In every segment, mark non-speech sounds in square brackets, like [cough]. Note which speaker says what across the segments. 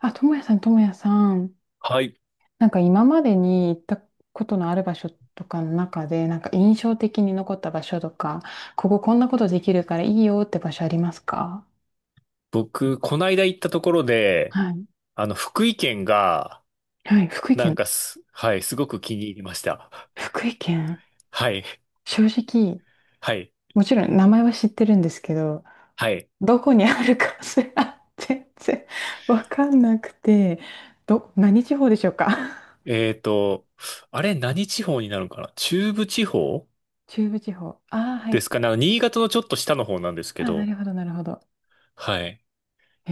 Speaker 1: あ、ともやさん、ともやさん。
Speaker 2: はい。
Speaker 1: なんか今までに行ったことのある場所とかの中で、なんか印象的に残った場所とか、こんなことできるからいいよって場所ありますか？
Speaker 2: 僕、こないだ行ったところで、
Speaker 1: はい。
Speaker 2: 福井県が、
Speaker 1: はい、福井
Speaker 2: なん
Speaker 1: 県。
Speaker 2: かす、はい、すごく気に入りました。
Speaker 1: 福井県。
Speaker 2: はい、
Speaker 1: 正直、
Speaker 2: はい、
Speaker 1: もちろん名前は知ってるんですけど、
Speaker 2: はい。
Speaker 1: どこにあるかすら [laughs] 全然わかんなくて、何地方でしょうか？
Speaker 2: えーと、あれ、何地方になるのかな。中部地方
Speaker 1: [laughs] 中部地方。ああ、は
Speaker 2: で
Speaker 1: い。
Speaker 2: すかね。あの、新潟のちょっと下の方なんです
Speaker 1: あ
Speaker 2: け
Speaker 1: ーな
Speaker 2: ど、
Speaker 1: るほど、なるほど。
Speaker 2: はい。
Speaker 1: え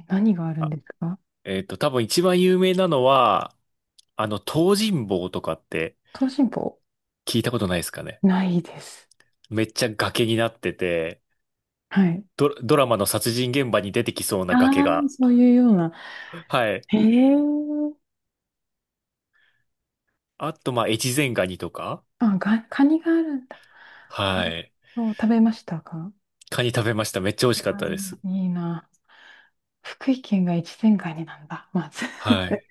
Speaker 1: ー、何があるん
Speaker 2: あ、
Speaker 1: ですか？
Speaker 2: 多分一番有名なのは、東尋坊とかって
Speaker 1: 東進坊。
Speaker 2: 聞いたことないですかね。
Speaker 1: ないです。
Speaker 2: めっちゃ崖になってて、
Speaker 1: はい。
Speaker 2: ドラマの殺人現場に出てきそうな
Speaker 1: あ
Speaker 2: 崖
Speaker 1: あ、
Speaker 2: が。
Speaker 1: そういうような。
Speaker 2: はい。
Speaker 1: へえ。
Speaker 2: あと、まあ、越前ガニとか。
Speaker 1: カニがあるんだ。
Speaker 2: はい。
Speaker 1: そう、食べましたか？
Speaker 2: カニ食べました。めっちゃ美味しかっ
Speaker 1: あ
Speaker 2: たです。
Speaker 1: ーいいな。福井県が越前ガニなんだ、まず。
Speaker 2: はい。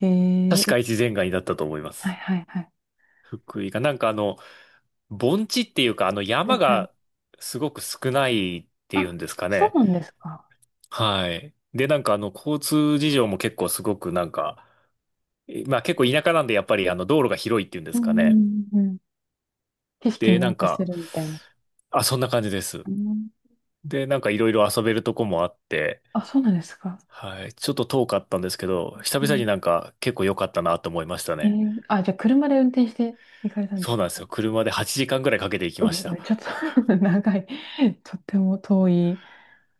Speaker 1: [laughs] え
Speaker 2: 確か
Speaker 1: ー、
Speaker 2: 越前ガニだったと思いま
Speaker 1: はい
Speaker 2: す。
Speaker 1: はいはい。
Speaker 2: 福井が。盆地っていうか、あの、
Speaker 1: は
Speaker 2: 山
Speaker 1: いはい。
Speaker 2: がすごく少ないってい
Speaker 1: あ、
Speaker 2: うんですか
Speaker 1: そ
Speaker 2: ね。
Speaker 1: うなんですか。
Speaker 2: はい。で、交通事情も結構すごくなんか、まあ結構田舎なんで、やっぱり道路が広いっていうんで
Speaker 1: う
Speaker 2: すかね。
Speaker 1: んうんうん。景色
Speaker 2: で、
Speaker 1: 見
Speaker 2: なん
Speaker 1: 渡せ
Speaker 2: か、
Speaker 1: るみたいな。
Speaker 2: あ、そんな感じです。
Speaker 1: うん。
Speaker 2: で、なんかいろいろ遊べるとこもあって、
Speaker 1: あ、そうなんですか。
Speaker 2: はい。ちょっと遠かったんですけど、久
Speaker 1: う
Speaker 2: 々
Speaker 1: ん。
Speaker 2: になんか結構良かったなと思いました
Speaker 1: え
Speaker 2: ね。
Speaker 1: ー、あ、じゃあ車で運転して行かれたんで
Speaker 2: そう
Speaker 1: す
Speaker 2: なんです
Speaker 1: か？
Speaker 2: よ。車で8時間ぐらいかけて行き
Speaker 1: う
Speaker 2: まし
Speaker 1: ん、う
Speaker 2: た。
Speaker 1: ん [laughs] ちょっと [laughs] 長い。とっても遠い。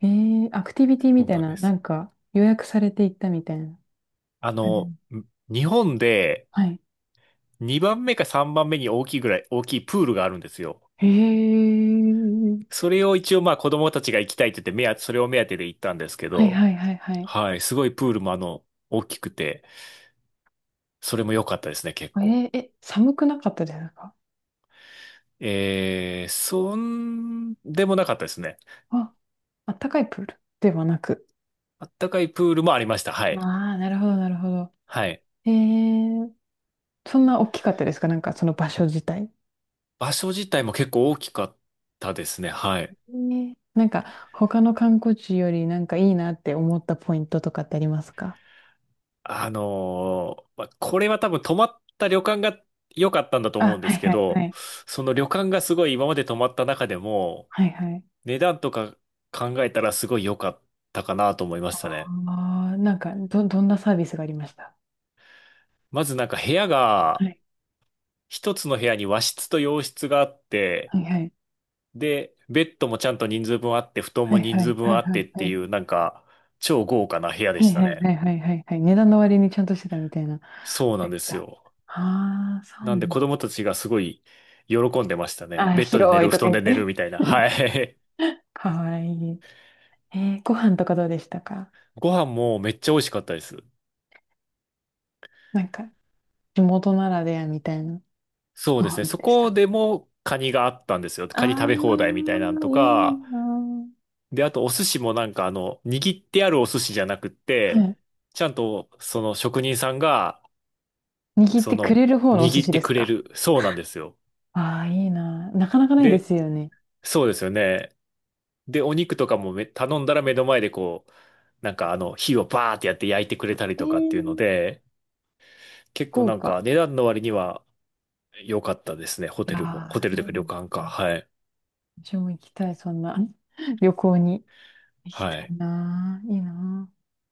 Speaker 1: えー、アクティビティ
Speaker 2: そ
Speaker 1: み
Speaker 2: う
Speaker 1: たい
Speaker 2: なんで
Speaker 1: な、な
Speaker 2: す。
Speaker 1: んか予約されていったみたいな
Speaker 2: あ
Speaker 1: 感じ。
Speaker 2: の、ん日本で
Speaker 1: はい。
Speaker 2: 2番目か3番目に大きいぐらい、大きいプールがあるんですよ。
Speaker 1: へえ。
Speaker 2: それを一応まあ子供たちが行きたいって言って、それを目当てで行ったんですけ
Speaker 1: はい
Speaker 2: ど、
Speaker 1: はいはいはい。
Speaker 2: はい。すごいプールも、大きくて、それも良かったですね、結
Speaker 1: え
Speaker 2: 構。
Speaker 1: ー、え、寒くなかったですか？
Speaker 2: えー、そんでもなかったですね。
Speaker 1: あ、あったかいプールではなく。
Speaker 2: あったかいプールもありました。は
Speaker 1: あ
Speaker 2: い。
Speaker 1: あ、なるほどなるほど。
Speaker 2: はい。
Speaker 1: えー、そんな大きかったですか、なんかその場所自体。
Speaker 2: 場所自体も結構大きかったですね。はい。
Speaker 1: ね、なんか他の観光地よりなんかいいなって思ったポイントとかってありますか？
Speaker 2: まあ、これは多分泊まった旅館が良かったんだと思う
Speaker 1: あ、
Speaker 2: んで
Speaker 1: はい
Speaker 2: すけ
Speaker 1: はいは
Speaker 2: ど、
Speaker 1: い。
Speaker 2: その旅館がすごい今まで泊まった中でも、
Speaker 1: はいはい。
Speaker 2: 値段とか考えたらすごい良かったかなと思いましたね。
Speaker 1: ああ、なんかどんなサービスがありました
Speaker 2: まずなんか部屋
Speaker 1: は
Speaker 2: が、
Speaker 1: い。
Speaker 2: 一つの部屋に和室と洋室があって、
Speaker 1: はいはい。
Speaker 2: で、ベッドもちゃんと人数分あって、布団
Speaker 1: は
Speaker 2: も
Speaker 1: い
Speaker 2: 人
Speaker 1: は
Speaker 2: 数
Speaker 1: いは
Speaker 2: 分
Speaker 1: い
Speaker 2: あっ
Speaker 1: は
Speaker 2: て
Speaker 1: い
Speaker 2: って
Speaker 1: はい。
Speaker 2: いう、なんか、超豪華な部屋で
Speaker 1: は
Speaker 2: し
Speaker 1: い
Speaker 2: た
Speaker 1: はい
Speaker 2: ね。
Speaker 1: はいはいはいはい。値段の割にちゃんとしてたみたいな。
Speaker 2: そうな
Speaker 1: め
Speaker 2: ん
Speaker 1: っ
Speaker 2: で
Speaker 1: ち
Speaker 2: す
Speaker 1: ゃ。
Speaker 2: よ。
Speaker 1: ああ、そう
Speaker 2: なん
Speaker 1: な
Speaker 2: で
Speaker 1: の。
Speaker 2: 子供たちがすごい喜んでましたね。
Speaker 1: あー、
Speaker 2: ベッドで寝
Speaker 1: 広い
Speaker 2: る、布
Speaker 1: とか
Speaker 2: 団
Speaker 1: 言っ
Speaker 2: で寝る
Speaker 1: て。
Speaker 2: みたいな。
Speaker 1: [laughs]
Speaker 2: はい。
Speaker 1: かわいい。えー、ご飯とかどうでしたか？
Speaker 2: [laughs] ご飯もめっちゃ美味しかったです。
Speaker 1: なんか、地元ならではみたいな
Speaker 2: そう
Speaker 1: ご
Speaker 2: ですね。
Speaker 1: 飯
Speaker 2: そ
Speaker 1: でし
Speaker 2: こ
Speaker 1: た。
Speaker 2: でもカニがあったんですよ。
Speaker 1: あ
Speaker 2: カニ食べ放題みたいなん
Speaker 1: あ、
Speaker 2: と
Speaker 1: いい
Speaker 2: か。
Speaker 1: な
Speaker 2: で、あとお寿司も、握ってあるお寿司じゃなくっ
Speaker 1: あ。はい。
Speaker 2: て、ちゃんとその職人さんが、
Speaker 1: 握っ
Speaker 2: そ
Speaker 1: てく
Speaker 2: の、
Speaker 1: れる方のお寿
Speaker 2: 握っ
Speaker 1: 司
Speaker 2: て
Speaker 1: です
Speaker 2: くれ
Speaker 1: か？
Speaker 2: る。そうなんですよ。
Speaker 1: ああー、いいなあ。なかなかないで
Speaker 2: で、
Speaker 1: すよね。
Speaker 2: そうですよね。で、お肉とかも、頼んだら目の前でこう、火をバーってやって焼いてくれたり
Speaker 1: え
Speaker 2: とかっ
Speaker 1: ー、
Speaker 2: ていうので、結構
Speaker 1: 豪
Speaker 2: なん
Speaker 1: 華。
Speaker 2: か値段の割には良かったですね。ホ
Speaker 1: い
Speaker 2: テルも。ホ
Speaker 1: や
Speaker 2: テ
Speaker 1: ー、
Speaker 2: ルという
Speaker 1: う
Speaker 2: か旅
Speaker 1: ん、
Speaker 2: 館か。はい。
Speaker 1: 私も行きたい、そんな [laughs] 旅行に。行き
Speaker 2: は
Speaker 1: たい
Speaker 2: い。
Speaker 1: なぁ。いいな。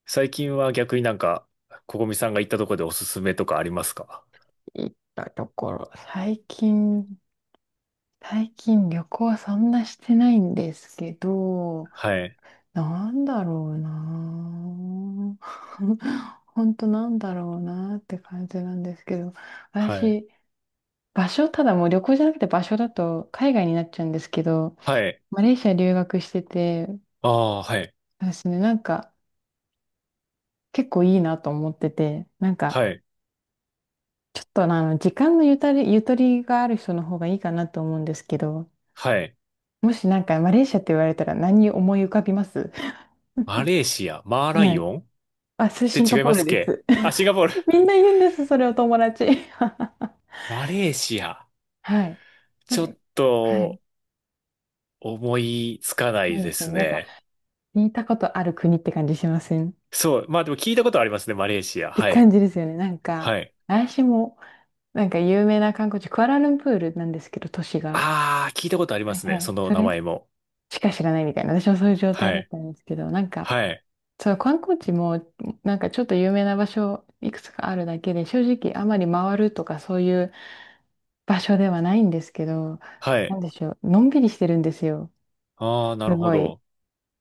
Speaker 2: 最近は逆になんか、ここみさんが行ったとこでおすすめとかありますか？
Speaker 1: 行ったところ。最近、最近旅行はそんなしてないんですけど、
Speaker 2: はい。
Speaker 1: なんだろうなぁ。[laughs] ほんとなんだろうなぁって感じなんですけど、
Speaker 2: はい。
Speaker 1: 私、場所、ただもう旅行じゃなくて場所だと海外になっちゃうんですけど、
Speaker 2: はい。
Speaker 1: マレーシア留学してて、
Speaker 2: ああ、はい。
Speaker 1: 私ね、なんか結構いいなと思ってて、なんか、
Speaker 2: はい。
Speaker 1: ちょっと時間のゆとり、ゆとりがある人の方がいいかなと思うんですけど、
Speaker 2: はい。
Speaker 1: もしなんかマレーシアって言われたら何思い浮かびます？
Speaker 2: マ
Speaker 1: [laughs]
Speaker 2: レーシア、マーラ
Speaker 1: は
Speaker 2: イ
Speaker 1: い。
Speaker 2: オンっ
Speaker 1: あ、それ
Speaker 2: て
Speaker 1: シンガ
Speaker 2: 違い
Speaker 1: ポー
Speaker 2: ま
Speaker 1: ル
Speaker 2: すっ
Speaker 1: で
Speaker 2: け？
Speaker 1: す。
Speaker 2: あ、シン
Speaker 1: [laughs]
Speaker 2: ガポール。
Speaker 1: みんな言うんです、それを友達。[laughs]
Speaker 2: マレーシア。
Speaker 1: はい。なん
Speaker 2: ちょ
Speaker 1: か、
Speaker 2: っ
Speaker 1: はい。
Speaker 2: と思いつかな
Speaker 1: な
Speaker 2: い
Speaker 1: い
Speaker 2: で
Speaker 1: ですよ
Speaker 2: す
Speaker 1: ね。なんか、
Speaker 2: ね。
Speaker 1: 似たことある国って感じしませんっ
Speaker 2: そう。まあでも聞いたことありますね、マレーシア。
Speaker 1: て
Speaker 2: は
Speaker 1: 感
Speaker 2: い。
Speaker 1: じですよね。なんか、
Speaker 2: はい。
Speaker 1: 私も、なんか有名な観光地、クアラルンプールなんですけど、都市が。
Speaker 2: ああ、聞いたことありま
Speaker 1: はい
Speaker 2: す
Speaker 1: は
Speaker 2: ね、
Speaker 1: い。
Speaker 2: その
Speaker 1: そ
Speaker 2: 名
Speaker 1: れ
Speaker 2: 前も。
Speaker 1: しか知らないみたいな、私もそういう状
Speaker 2: は
Speaker 1: 態だっ
Speaker 2: い。
Speaker 1: たんですけど、なんか、
Speaker 2: はい。
Speaker 1: そう、観光地もなんかちょっと有名な場所いくつかあるだけで、正直あまり回るとかそういう場所ではないんですけど、
Speaker 2: は
Speaker 1: な
Speaker 2: い。
Speaker 1: んでしょう、のんびりしてるんですよ。
Speaker 2: ああ、なる
Speaker 1: す
Speaker 2: ほ
Speaker 1: ごい。
Speaker 2: ど。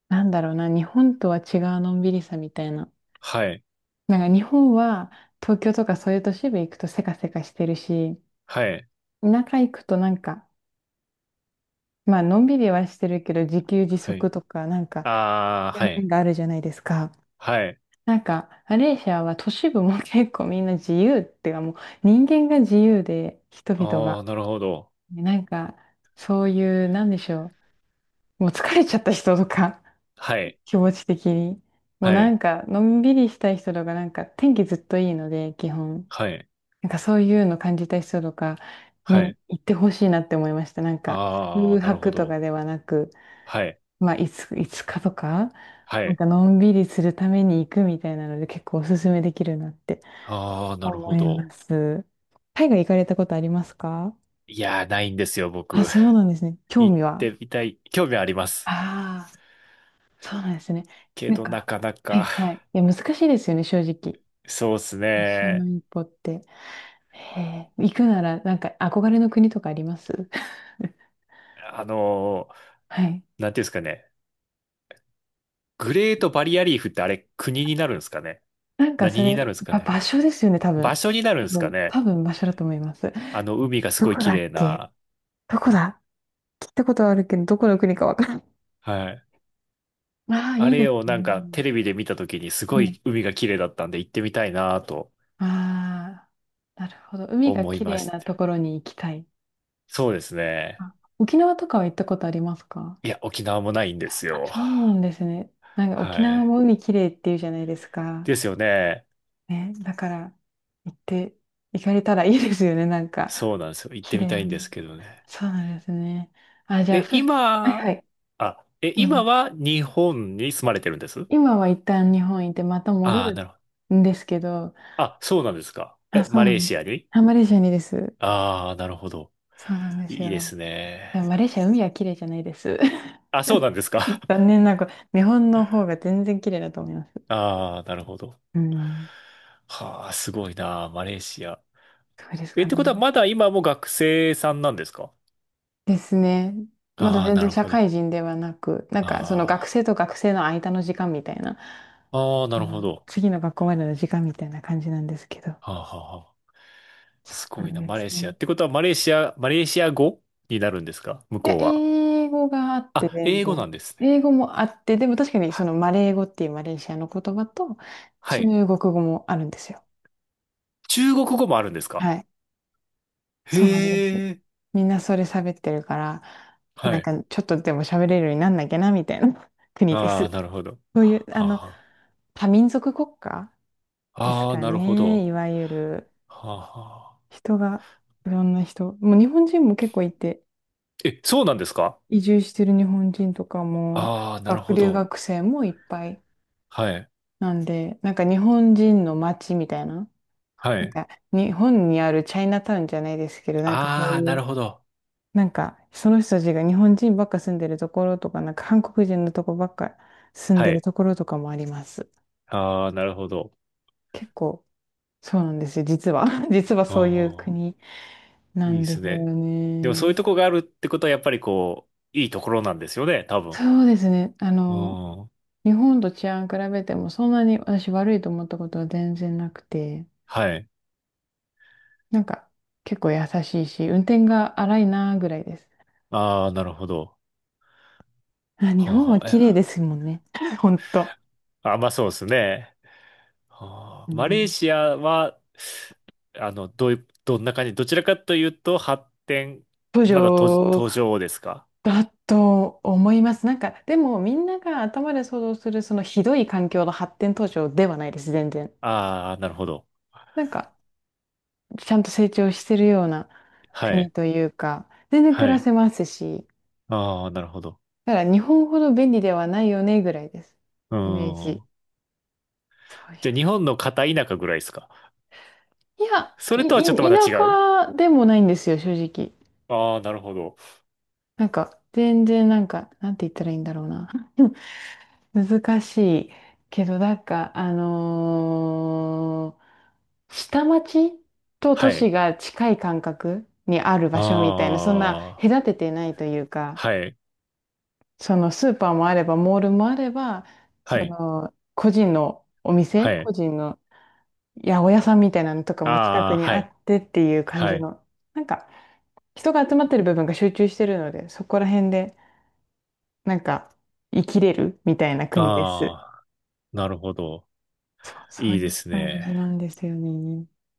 Speaker 1: なんだろうな、日本とは違うのんびりさみたいな。
Speaker 2: はい。
Speaker 1: なんか日本は東京とかそういう都市部行くとせかせかしてるし、
Speaker 2: はい。
Speaker 1: 田舎行くとなんか、まあのんびりはしてるけど自給自
Speaker 2: は
Speaker 1: 足
Speaker 2: い。
Speaker 1: とかなんか、
Speaker 2: ああ、はい。
Speaker 1: 面があるじゃないですか。
Speaker 2: はい。
Speaker 1: なんか、マレーシアは都市部も結構みんな自由っていうか、もう人間が自由で、人々
Speaker 2: あ
Speaker 1: が。
Speaker 2: あ、なるほど。
Speaker 1: なんか、そういう、なんでしょう。もう疲れちゃった人とか、
Speaker 2: は
Speaker 1: [laughs]
Speaker 2: い。
Speaker 1: 気持ち的に。もう
Speaker 2: は
Speaker 1: な
Speaker 2: い。
Speaker 1: んか、のんびりしたい人とか、なんか天気ずっといいので、基本。
Speaker 2: はい。
Speaker 1: なんかそういうの感じた人とか
Speaker 2: は
Speaker 1: に
Speaker 2: い。
Speaker 1: 行ってほしいなって思いました。なんか、
Speaker 2: ああ、
Speaker 1: 空
Speaker 2: なるほ
Speaker 1: 白と
Speaker 2: ど。
Speaker 1: かではなく、
Speaker 2: はい。
Speaker 1: まあ、いつかとか、
Speaker 2: は
Speaker 1: なん
Speaker 2: い。
Speaker 1: かのんびりするために行くみたいなので、結構おすすめできるなって。
Speaker 2: ああ、なる
Speaker 1: 思
Speaker 2: ほ
Speaker 1: いま
Speaker 2: ど。
Speaker 1: す。海外行かれたことありますか？
Speaker 2: いやー、ないんですよ、
Speaker 1: あ、
Speaker 2: 僕。
Speaker 1: そう
Speaker 2: [laughs]
Speaker 1: なんですね。興
Speaker 2: 行っ
Speaker 1: 味は。
Speaker 2: てみたい。興味はあります。
Speaker 1: ああ、そうなんですね。
Speaker 2: け
Speaker 1: なん
Speaker 2: ど、な
Speaker 1: か、
Speaker 2: かな
Speaker 1: はい
Speaker 2: か。
Speaker 1: はい。いや、難しいですよね、正直。
Speaker 2: そうです
Speaker 1: 最初の
Speaker 2: ね。
Speaker 1: 一歩って。へえ、行くなら、なんか、憧れの国とかあります
Speaker 2: あの
Speaker 1: [laughs] はい。
Speaker 2: なんていうんですかね。グレートバリアリーフってあれ、国になるんですかね。
Speaker 1: なんか、そ
Speaker 2: 何に
Speaker 1: れ、
Speaker 2: なるんですかね。
Speaker 1: 場所ですよね、多
Speaker 2: 場
Speaker 1: 分。
Speaker 2: 所になるんです
Speaker 1: う
Speaker 2: か
Speaker 1: ん、
Speaker 2: ね。
Speaker 1: 多分場所だと思います。
Speaker 2: あの、海がす
Speaker 1: ど
Speaker 2: ごい
Speaker 1: こだ
Speaker 2: 綺
Speaker 1: っ
Speaker 2: 麗
Speaker 1: け。
Speaker 2: な、
Speaker 1: どこだ。聞いたことはあるけど、どこの国かわからん。
Speaker 2: はい。
Speaker 1: ああ、
Speaker 2: あ
Speaker 1: いいで
Speaker 2: れ
Speaker 1: す
Speaker 2: をなんか
Speaker 1: ね。
Speaker 2: テレビで見た時にすごい海が綺麗だったんで行ってみたいなと
Speaker 1: ああ、なるほど。海が
Speaker 2: 思い
Speaker 1: 綺
Speaker 2: ま
Speaker 1: 麗
Speaker 2: し
Speaker 1: なと
Speaker 2: て。
Speaker 1: ころに行きたい。
Speaker 2: そうですね。
Speaker 1: あ、沖縄とかは行ったことありますか？
Speaker 2: いや、沖縄もないんです
Speaker 1: あ、
Speaker 2: よ。
Speaker 1: そうなんですね。なんか
Speaker 2: は
Speaker 1: 沖縄
Speaker 2: い。
Speaker 1: も海綺麗っていうじゃないですか。
Speaker 2: ですよね。
Speaker 1: ね、だから行って、行かれたらいいですよね、なんか。
Speaker 2: そうなんですよ。行っ
Speaker 1: 綺
Speaker 2: てみ
Speaker 1: 麗
Speaker 2: た
Speaker 1: な。
Speaker 2: いんですけどね。
Speaker 1: そうなんですね。あ、じゃあ、
Speaker 2: え、
Speaker 1: はい
Speaker 2: 今、
Speaker 1: はい。
Speaker 2: あ、え、
Speaker 1: う
Speaker 2: 今
Speaker 1: ん、
Speaker 2: は日本に住まれてるんです？
Speaker 1: 今は一旦日本行ってまた戻
Speaker 2: ああー、
Speaker 1: る
Speaker 2: なるほど。
Speaker 1: んですけど、
Speaker 2: あ、そうなんですか。
Speaker 1: あ、
Speaker 2: え、
Speaker 1: そう
Speaker 2: マ
Speaker 1: な
Speaker 2: レー
Speaker 1: ん
Speaker 2: シアに？
Speaker 1: あ、マレーシアにです。
Speaker 2: ああー、なるほど。
Speaker 1: そうなんです
Speaker 2: いいで
Speaker 1: よ。
Speaker 2: すね。
Speaker 1: でもマレーシア海は綺麗じゃないです。
Speaker 2: あ、そうなんですか。
Speaker 1: 残念ながら、日本の方が全然綺麗だと思います。
Speaker 2: ああ、なるほど。
Speaker 1: うん。
Speaker 2: はあ、すごいな、マレーシア。
Speaker 1: そうです
Speaker 2: え、
Speaker 1: か
Speaker 2: ってことは
Speaker 1: ね。
Speaker 2: まだ今も学生さんなんですか？
Speaker 1: ですね。まだ
Speaker 2: ああ、
Speaker 1: 全
Speaker 2: な
Speaker 1: 然
Speaker 2: る
Speaker 1: 社
Speaker 2: ほど。
Speaker 1: 会人ではなく、なんかその学
Speaker 2: あ
Speaker 1: 生と学生の間の時間みたいな、
Speaker 2: あ、ああ、な
Speaker 1: う
Speaker 2: るほ
Speaker 1: ん、
Speaker 2: ど。
Speaker 1: 次の学校までの時間みたいな感じなんですけど。
Speaker 2: はあ、はあ、はあ。
Speaker 1: そ
Speaker 2: す
Speaker 1: う
Speaker 2: ご
Speaker 1: な
Speaker 2: いな、
Speaker 1: んで
Speaker 2: マ
Speaker 1: す
Speaker 2: レーシア。
Speaker 1: ね。
Speaker 2: ってことは、マレーシア語になるんですか、向
Speaker 1: いや、
Speaker 2: こうは。
Speaker 1: 英語があって
Speaker 2: あ、
Speaker 1: 全
Speaker 2: 英語
Speaker 1: 然。
Speaker 2: なんですね。
Speaker 1: 英語もあって、でも確かに
Speaker 2: は
Speaker 1: そ
Speaker 2: い。
Speaker 1: のマレー語っていうマレーシアの言葉と
Speaker 2: は
Speaker 1: 中
Speaker 2: い。
Speaker 1: 国語もあるんですよ。
Speaker 2: 中国語もあるんですか？
Speaker 1: はい。そうなんです。
Speaker 2: へえ。
Speaker 1: みんなそれ喋ってるから、
Speaker 2: は
Speaker 1: なん
Speaker 2: い。
Speaker 1: かちょっとでも喋れるようになんなきゃなみたいな [laughs] 国で
Speaker 2: ああ、
Speaker 1: す。
Speaker 2: なるほど。
Speaker 1: そういう、
Speaker 2: は
Speaker 1: あ
Speaker 2: あ、
Speaker 1: の、
Speaker 2: は
Speaker 1: 多民族国家です
Speaker 2: あ。ああ、
Speaker 1: か
Speaker 2: なるほ
Speaker 1: ね、
Speaker 2: ど。
Speaker 1: いわゆる。
Speaker 2: はあ、はあ。
Speaker 1: 人が、いろんな人、もう日本人も結構いて、
Speaker 2: え、そうなんですか？
Speaker 1: 移住してる日本人とかも、
Speaker 2: ああ、なるほ
Speaker 1: 留
Speaker 2: ど。
Speaker 1: 学生もいっぱい。
Speaker 2: はい。
Speaker 1: なんで、なんか日本人の街みたいな、
Speaker 2: は
Speaker 1: なん
Speaker 2: い。
Speaker 1: か日本にあるチャイナタウンじゃないですけど、なんかそ
Speaker 2: あ
Speaker 1: う
Speaker 2: あ、な
Speaker 1: い
Speaker 2: る
Speaker 1: う
Speaker 2: ほど。
Speaker 1: なんか、その人たちが日本人ばっか住んでるところとか、なんか韓国人のとこばっか住ん
Speaker 2: は
Speaker 1: でる
Speaker 2: い。
Speaker 1: ところとかもあります。
Speaker 2: ああ、なるほど。
Speaker 1: 結構、そうなんですよ、実は。[laughs] 実は
Speaker 2: あ
Speaker 1: そういう
Speaker 2: あ、
Speaker 1: 国な
Speaker 2: いいで
Speaker 1: んで
Speaker 2: す
Speaker 1: すよ
Speaker 2: ね。でもそういう
Speaker 1: ね。
Speaker 2: とこがあるってことは、やっぱりこう、いいところなんですよね、多分。
Speaker 1: そうですね。あ
Speaker 2: う
Speaker 1: の、
Speaker 2: ん。
Speaker 1: 日本と治安比べてもそんなに私悪いと思ったことは全然なくて、
Speaker 2: はい。
Speaker 1: なんか結構優しいし、運転が荒いなぐらいです。
Speaker 2: ああ、なるほど。
Speaker 1: あ、日
Speaker 2: は
Speaker 1: 本
Speaker 2: あ、
Speaker 1: は
Speaker 2: はあ、
Speaker 1: 綺麗で
Speaker 2: え
Speaker 1: すもんね。[laughs] ほんと。
Speaker 2: あ、まあそうですね。は
Speaker 1: う
Speaker 2: あ、マレー
Speaker 1: ん。
Speaker 2: シアは、あの、どういう、どんな感じ、どちらかというと、発展、まだ途、
Speaker 1: 都
Speaker 2: 途上ですか？
Speaker 1: だと思います。なんか、でもみんなが頭で想像するそのひどい環境の発展途上ではないです、全然。
Speaker 2: ああー、なるほど。
Speaker 1: なんか、ちゃんと成長してるような
Speaker 2: は
Speaker 1: 国
Speaker 2: い。
Speaker 1: というか、全然暮
Speaker 2: は
Speaker 1: ら
Speaker 2: い。
Speaker 1: せますし、
Speaker 2: ああ、なるほど。
Speaker 1: だから日本ほど便利ではないよねぐらいです。
Speaker 2: う
Speaker 1: イメージ。
Speaker 2: ん。
Speaker 1: そういう。
Speaker 2: じゃあ日本の片田舎ぐらいですか？
Speaker 1: いや、
Speaker 2: それとはちょっとまた違う？
Speaker 1: 田舎でもないんですよ、正直。
Speaker 2: ああー、なるほど。
Speaker 1: なんか、全然なんか、なんて言ったらいいんだろうな。[laughs] 難しいけど、なんか、下町と
Speaker 2: は
Speaker 1: 都市
Speaker 2: い。
Speaker 1: が近い感覚にある場所みたいな、そんな
Speaker 2: ああ、
Speaker 1: 隔ててないというか、
Speaker 2: はい。
Speaker 1: そのスーパーもあれば、モールもあれば、そ
Speaker 2: はい。
Speaker 1: の個人のお店、
Speaker 2: はい。
Speaker 1: 個人の八百屋さんみたいなのとかも近
Speaker 2: あ
Speaker 1: く
Speaker 2: あ、
Speaker 1: に
Speaker 2: は
Speaker 1: あ
Speaker 2: い。
Speaker 1: ってっていう感
Speaker 2: は
Speaker 1: じ
Speaker 2: い。
Speaker 1: の、なんか人が集まってる部分が集中してるので、そこら辺でなんか生きれるみたいな国です。
Speaker 2: ああ、なるほど。
Speaker 1: そう、そう
Speaker 2: いい
Speaker 1: い
Speaker 2: で
Speaker 1: う
Speaker 2: す
Speaker 1: 感
Speaker 2: ね。
Speaker 1: じなんですよね。